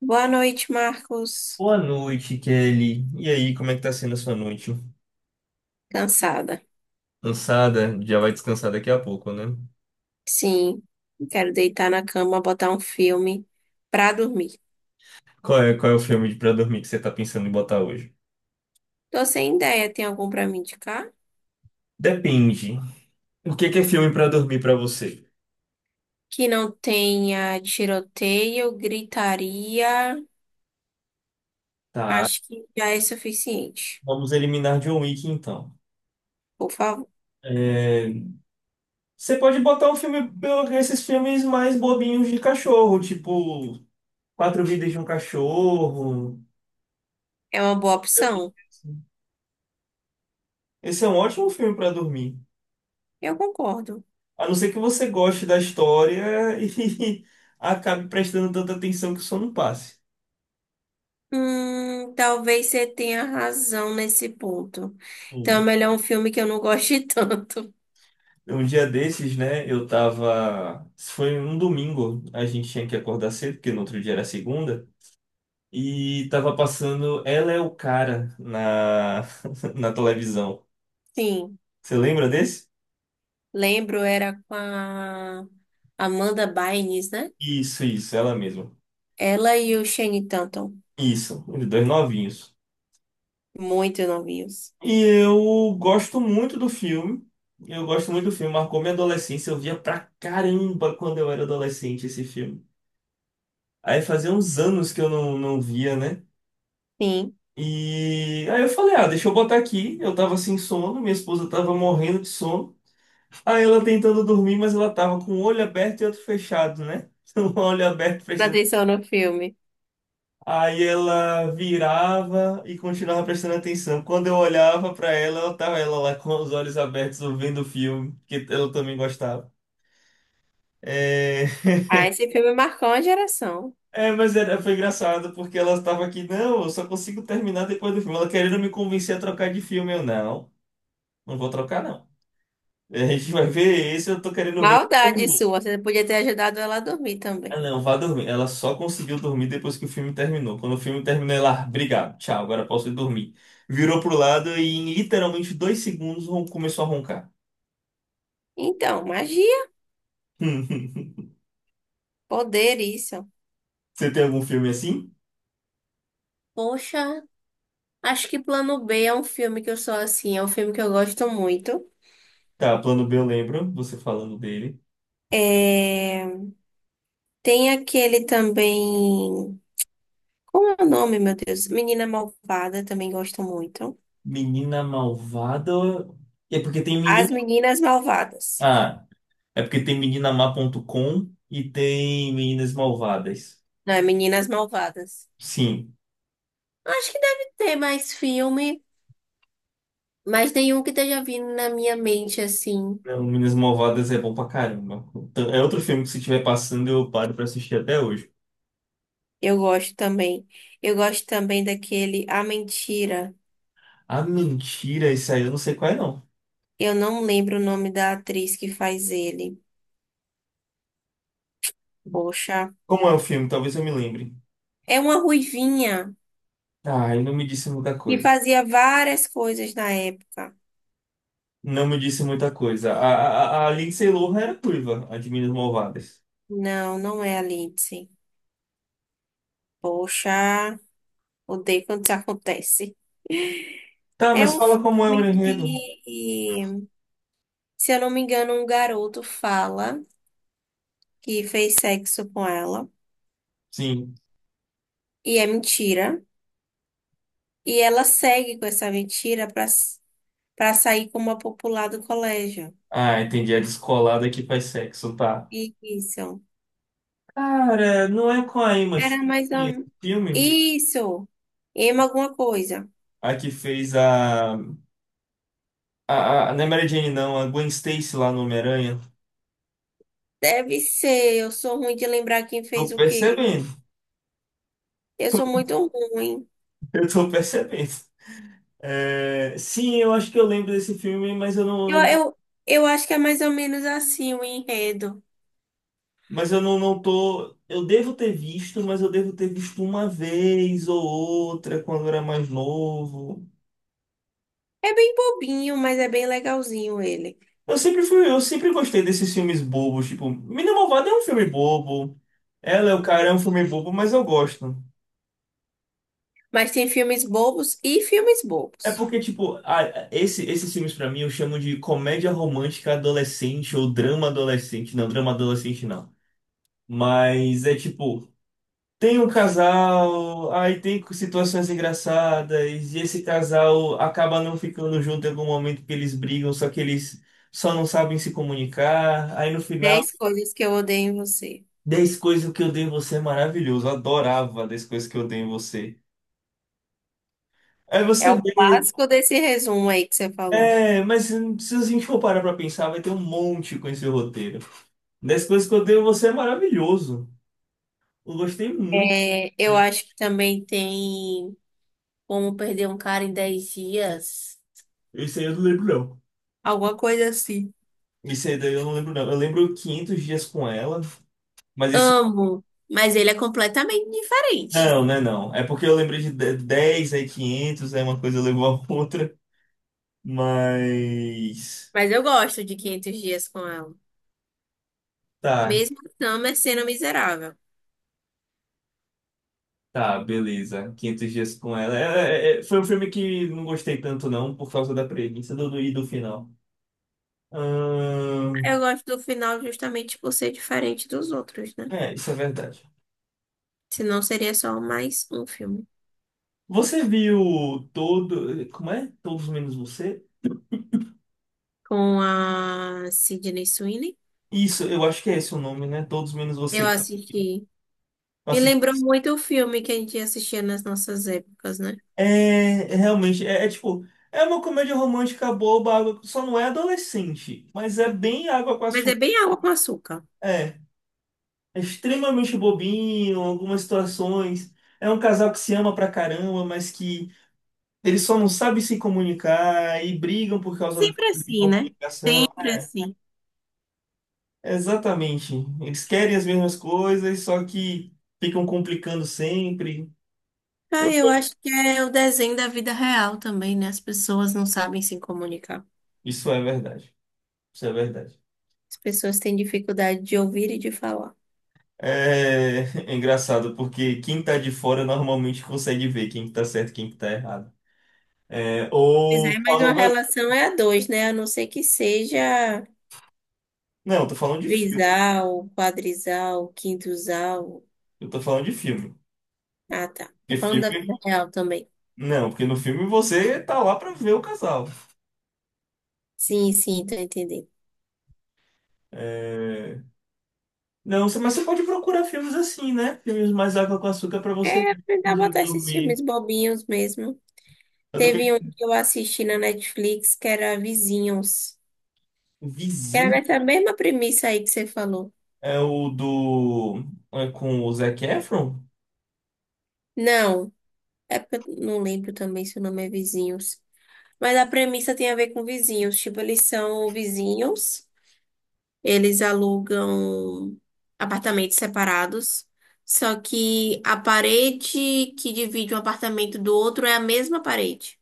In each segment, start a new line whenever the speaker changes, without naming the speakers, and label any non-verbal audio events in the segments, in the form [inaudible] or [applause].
Boa noite, Marcos.
Boa noite, Kelly. E aí, como é que tá sendo a sua noite?
Cansada.
Cansada? Já vai descansar daqui a pouco, né?
Sim, quero deitar na cama, botar um filme pra dormir.
Qual é o filme pra dormir que você tá pensando em botar hoje?
Tô sem ideia, tem algum pra me indicar?
Depende. O que que é filme pra dormir pra você?
Que não tenha tiroteio, gritaria.
Tá,
Acho que já é suficiente.
vamos eliminar John Wick então.
Por favor,
É, você pode botar um filme, esses filmes mais bobinhos de cachorro, tipo Quatro Vidas de um Cachorro.
é uma boa opção.
Esse é um ótimo filme pra dormir.
Eu concordo.
A não ser que você goste da história [laughs] e acabe prestando tanta atenção que o sono passe.
Talvez você tenha razão nesse ponto. Então é
Sim.
melhor um filme que eu não goste [laughs] tanto.
Um dia desses, né, eu tava. Foi um domingo, a gente tinha que acordar cedo, porque no outro dia era segunda, e tava passando Ela é o Cara na, [laughs] na televisão.
Sim.
Você lembra desse?
Lembro, era com a Amanda Bynes, né?
Isso, ela mesma.
Ela e o Shane Tatum,
Isso, os dois novinhos.
muito novinhos.
E eu gosto muito do filme. Eu gosto muito do filme. Marcou minha adolescência. Eu via pra caramba quando eu era adolescente esse filme. Aí fazia uns anos que eu não via, né?
Sim,
E aí eu falei, ah, deixa eu botar aqui. Eu tava sem sono, minha esposa tava morrendo de sono. Aí ela tentando dormir, mas ela tava com o olho aberto e outro fechado, né? [laughs] Um olho aberto,
presta atenção no filme.
aí ela virava e continuava prestando atenção. Quando eu olhava pra ela, ela tava ela lá com os olhos abertos ouvindo o filme, que ela também gostava. É,
Ah, esse filme marcou uma geração.
mas era, foi engraçado porque ela estava aqui, não, eu só consigo terminar depois do filme. Ela querendo me convencer a trocar de filme, eu não, não vou trocar não. A gente vai ver esse, eu tô querendo ver.
Maldade sua, você podia ter ajudado ela a dormir
Ah,
também.
não, vá dormir. Ela só conseguiu dormir depois que o filme terminou. Quando o filme terminou, ela, "Ah, obrigado, tchau, agora posso ir dormir. Virou pro lado e em literalmente dois segundos começou a roncar.
Então, magia,
[laughs]
poder, isso.
Você tem algum filme assim?
Poxa, acho que Plano B é um filme que eu sou assim, é um filme que eu gosto muito.
Tá, Plano B eu lembro, você falando dele.
É... Tem aquele também. Como é o nome, meu Deus? Menina Malvada, também gosto muito.
Menina Malvada. É porque tem
As
menina.
Meninas Malvadas.
Ah, é porque tem meninamá.com e tem Meninas Malvadas.
Não, é Meninas Malvadas.
Sim.
Eu acho que deve ter mais filme, mas nenhum que esteja vindo na minha mente assim.
Não, Meninas Malvadas é bom pra caramba. Então, é outro filme que se estiver passando eu paro pra assistir até hoje.
Eu gosto também. Eu gosto também daquele A Mentira.
Ah, mentira, isso aí eu não sei qual é, não.
Eu não lembro o nome da atriz que faz ele. Poxa,
Como é o filme? Talvez eu me lembre.
é uma ruivinha
Ah, e não me disse muita
que
coisa.
fazia várias coisas na época.
Não me disse muita coisa. A Lindsay Lohan era turva, a de Minas Malvadas.
Não, não é a Lindsay. Poxa, odeio quando isso acontece.
Tá,
É
mas
um
fala como é o
filme
enredo.
que, se eu não me engano, um garoto fala que fez sexo com ela
Sim.
e é mentira. E ela segue com essa mentira para sair como a popular do colégio.
Ah, entendi. A descolada que faz sexo, tá.
Isso.
Cara, não é com a Emma
Era
Stone
mais
esse
um.
filme?
Isso. Emma alguma coisa.
A que fez a... não é Mary Jane, não. A Gwen Stacy lá no Homem-Aranha.
Deve ser. Eu sou ruim de lembrar quem
Tô
fez o quê.
percebendo.
Eu sou muito ruim.
[laughs] Eu tô percebendo. É, sim, eu acho que eu lembro desse filme, mas
Eu,
eu não-
eu, eu acho que é mais ou menos assim o enredo.
mas eu não, não tô. Eu devo ter visto, mas eu devo ter visto uma vez ou outra quando eu era mais novo.
É bem bobinho, mas é bem legalzinho ele.
Eu sempre gostei desses filmes bobos, tipo, Mina Malvada é um filme bobo. Ela é o cara é um filme bobo, mas eu gosto.
Mas tem filmes bobos e filmes
É
bobos.
porque, tipo, esses filmes pra mim eu chamo de comédia romântica adolescente ou drama adolescente. Não, drama adolescente não. Mas é tipo. Tem um casal, aí tem situações engraçadas, e esse casal acaba não ficando junto em algum momento que eles brigam, só que eles só não sabem se comunicar. Aí no final,
10 coisas que eu odeio em você.
10 coisas que eu dei em você é maravilhoso, eu adorava 10 coisas que eu dei em você. Aí
É
você
o
vê,
clássico desse resumo aí que você falou.
é, mas se a gente for parar pra pensar, vai ter um monte com esse roteiro. 10 coisas que eu dei em você é maravilhoso, eu gostei muito.
É, eu acho que também tem como perder um cara em 10 dias.
Isso aí eu não lembro, não.
Alguma coisa assim.
Isso aí daí eu não lembro, não. Eu lembro quinhentos dias com ela. Mas esse
Amo, mas ele é completamente diferente.
não, né, não. É porque eu lembrei 10, aí 500, aí uma coisa levou a outra, mas...
Mas eu gosto de 500 dias com ela.
Tá,
Mesmo a Summer sendo miserável.
tá, beleza. Quinhentos dias com ela. É, foi um filme que não gostei tanto, não, por causa da premissa e do final.
Eu
Ahn,
gosto do final justamente por ser diferente dos outros, né?
é, isso é verdade.
Senão seria só mais um filme.
Você viu todo... Como é? Todos Menos Você?
Com a Sydney Sweeney.
Isso, eu acho que é esse o nome, né? Todos Menos
Eu
Você.
assisti.
Eu
Me lembrou
assisti.
muito o filme que a gente assistia nas nossas épocas, né?
É, realmente, é tipo, é uma comédia romântica boba, só não é adolescente, mas é bem água com
Mas é
açúcar.
bem água com açúcar.
É, é extremamente bobinho, algumas situações. É um casal que se ama pra caramba, mas que eles só não sabem se comunicar e brigam por
É
causa da
sempre
falta de
assim, né?
comunicação.
Sempre assim.
Exatamente. Eles querem as mesmas coisas, só que ficam complicando sempre.
Ah,
Eu-
eu acho que é o desenho da vida real também, né? As pessoas não sabem se comunicar.
Isso é verdade. Isso é verdade.
As pessoas têm dificuldade de ouvir e de falar.
É, [laughs] é engraçado, porque quem tá de fora normalmente consegue ver quem que tá certo e quem que tá errado. É,
Pois
ou
é, mas
qual
uma
não vai.
relação é a dois, né? A não ser que seja
Não, eu tô falando de filme.
trisal, quadrisal, quintusal.
Eu tô falando de filme.
Ah, tá. Tô
Porque
falando da
filme.
vida real também.
Não, porque no filme você tá lá pra ver o casal.
Sim, sim, tô entendendo.
É, não, mas você pode procurar filmes assim, né? Filmes mais água com açúcar pra você
É,
ver
aprender a
antes de
botar esses filmes
dormir.
bobinhos mesmo.
Eu tô
Teve um
pensando,
que eu assisti na Netflix que era Vizinhos. Era
Vizinho
nessa mesma premissa aí que você falou.
é o do. É com o Zac Efron?
Não, é porque eu não lembro também se o nome é Vizinhos. Mas a premissa tem a ver com vizinhos. Tipo, eles são vizinhos, eles alugam apartamentos separados. Só que a parede que divide um apartamento do outro é a mesma parede.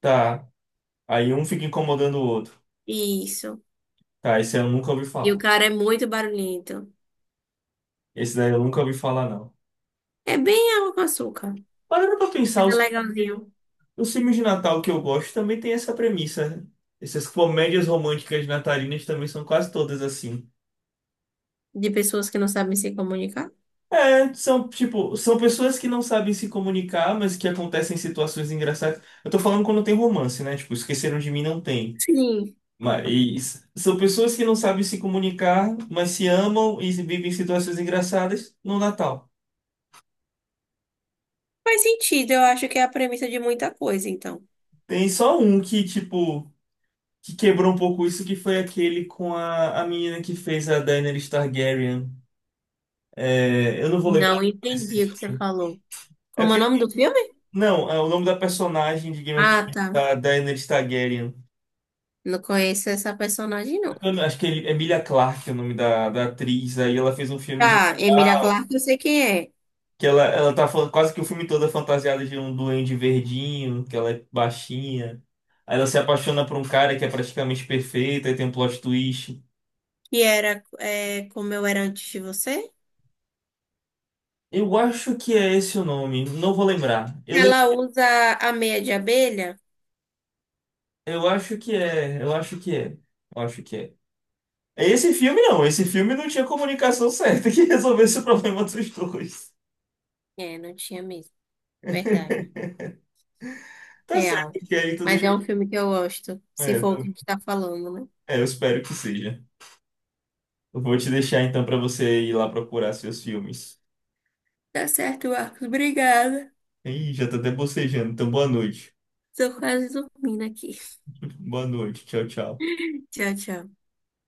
Tá. Aí um fica incomodando o outro.
Isso.
Tá, esse eu nunca ouvi
E o
falar.
cara é muito barulhento.
Esse daí eu nunca ouvi falar, não.
É bem água com açúcar.
Parando pra pensar,
Mas é legalzinho.
os filmes de Natal que eu gosto também tem essa premissa, né? Essas comédias românticas natalinas também são quase todas assim.
De pessoas que não sabem se comunicar?
É, são pessoas que não sabem se comunicar, mas que acontecem situações engraçadas. Eu tô falando quando tem romance, né? Tipo, Esqueceram de Mim não tem.
Sim,
Mas são pessoas que não sabem se comunicar, mas se amam e vivem situações engraçadas no Natal.
faz sentido. Eu acho que é a premissa de muita coisa, então.
Tem só um que, tipo, que quebrou um pouco isso, que foi aquele com a menina que fez a Daenerys Targaryen. É, eu não vou lembrar
Não
o nome desse
entendi o que você
filme.
falou.
É
Como é o
porque,
nome do filme?
não, é o nome da personagem de Game of
Ah,
Thrones,
tá.
da Daenerys Targaryen.
Não conheço essa personagem, não.
Eu não- Acho que é Emilia Clarke é o nome da atriz. Aí ela fez um filme de
Tá, Emilia
Natal,
Clarke, eu sei quem é.
que ela tá falando quase que o filme todo é fantasiada de um duende verdinho, que ela é baixinha. Aí ela se apaixona por um cara que é praticamente perfeito, aí tem um plot twist.
Que era é, como eu era antes de você?
Eu acho que é esse o nome, não vou lembrar.
Ela usa a meia de abelha?
Eu acho que é, eu acho que é, eu acho que é. Esse filme não tinha comunicação [laughs] certa que resolvesse o problema dos dois.
É, não tinha mesmo. Verdade.
[laughs] Tá certo
Real.
que aí tu
Mas
deixa
é um
aqui.
filme que eu gosto, se
É,
for o que
eu
a gente tá falando, né?
eu espero que seja. Eu vou te deixar então pra você ir lá procurar seus filmes.
Tá certo, Marcos. Obrigada.
Ih, já tá até bocejando, então boa noite.
Tô quase dormindo aqui.
[laughs] Boa noite, tchau, tchau.
[laughs] Tchau, tchau.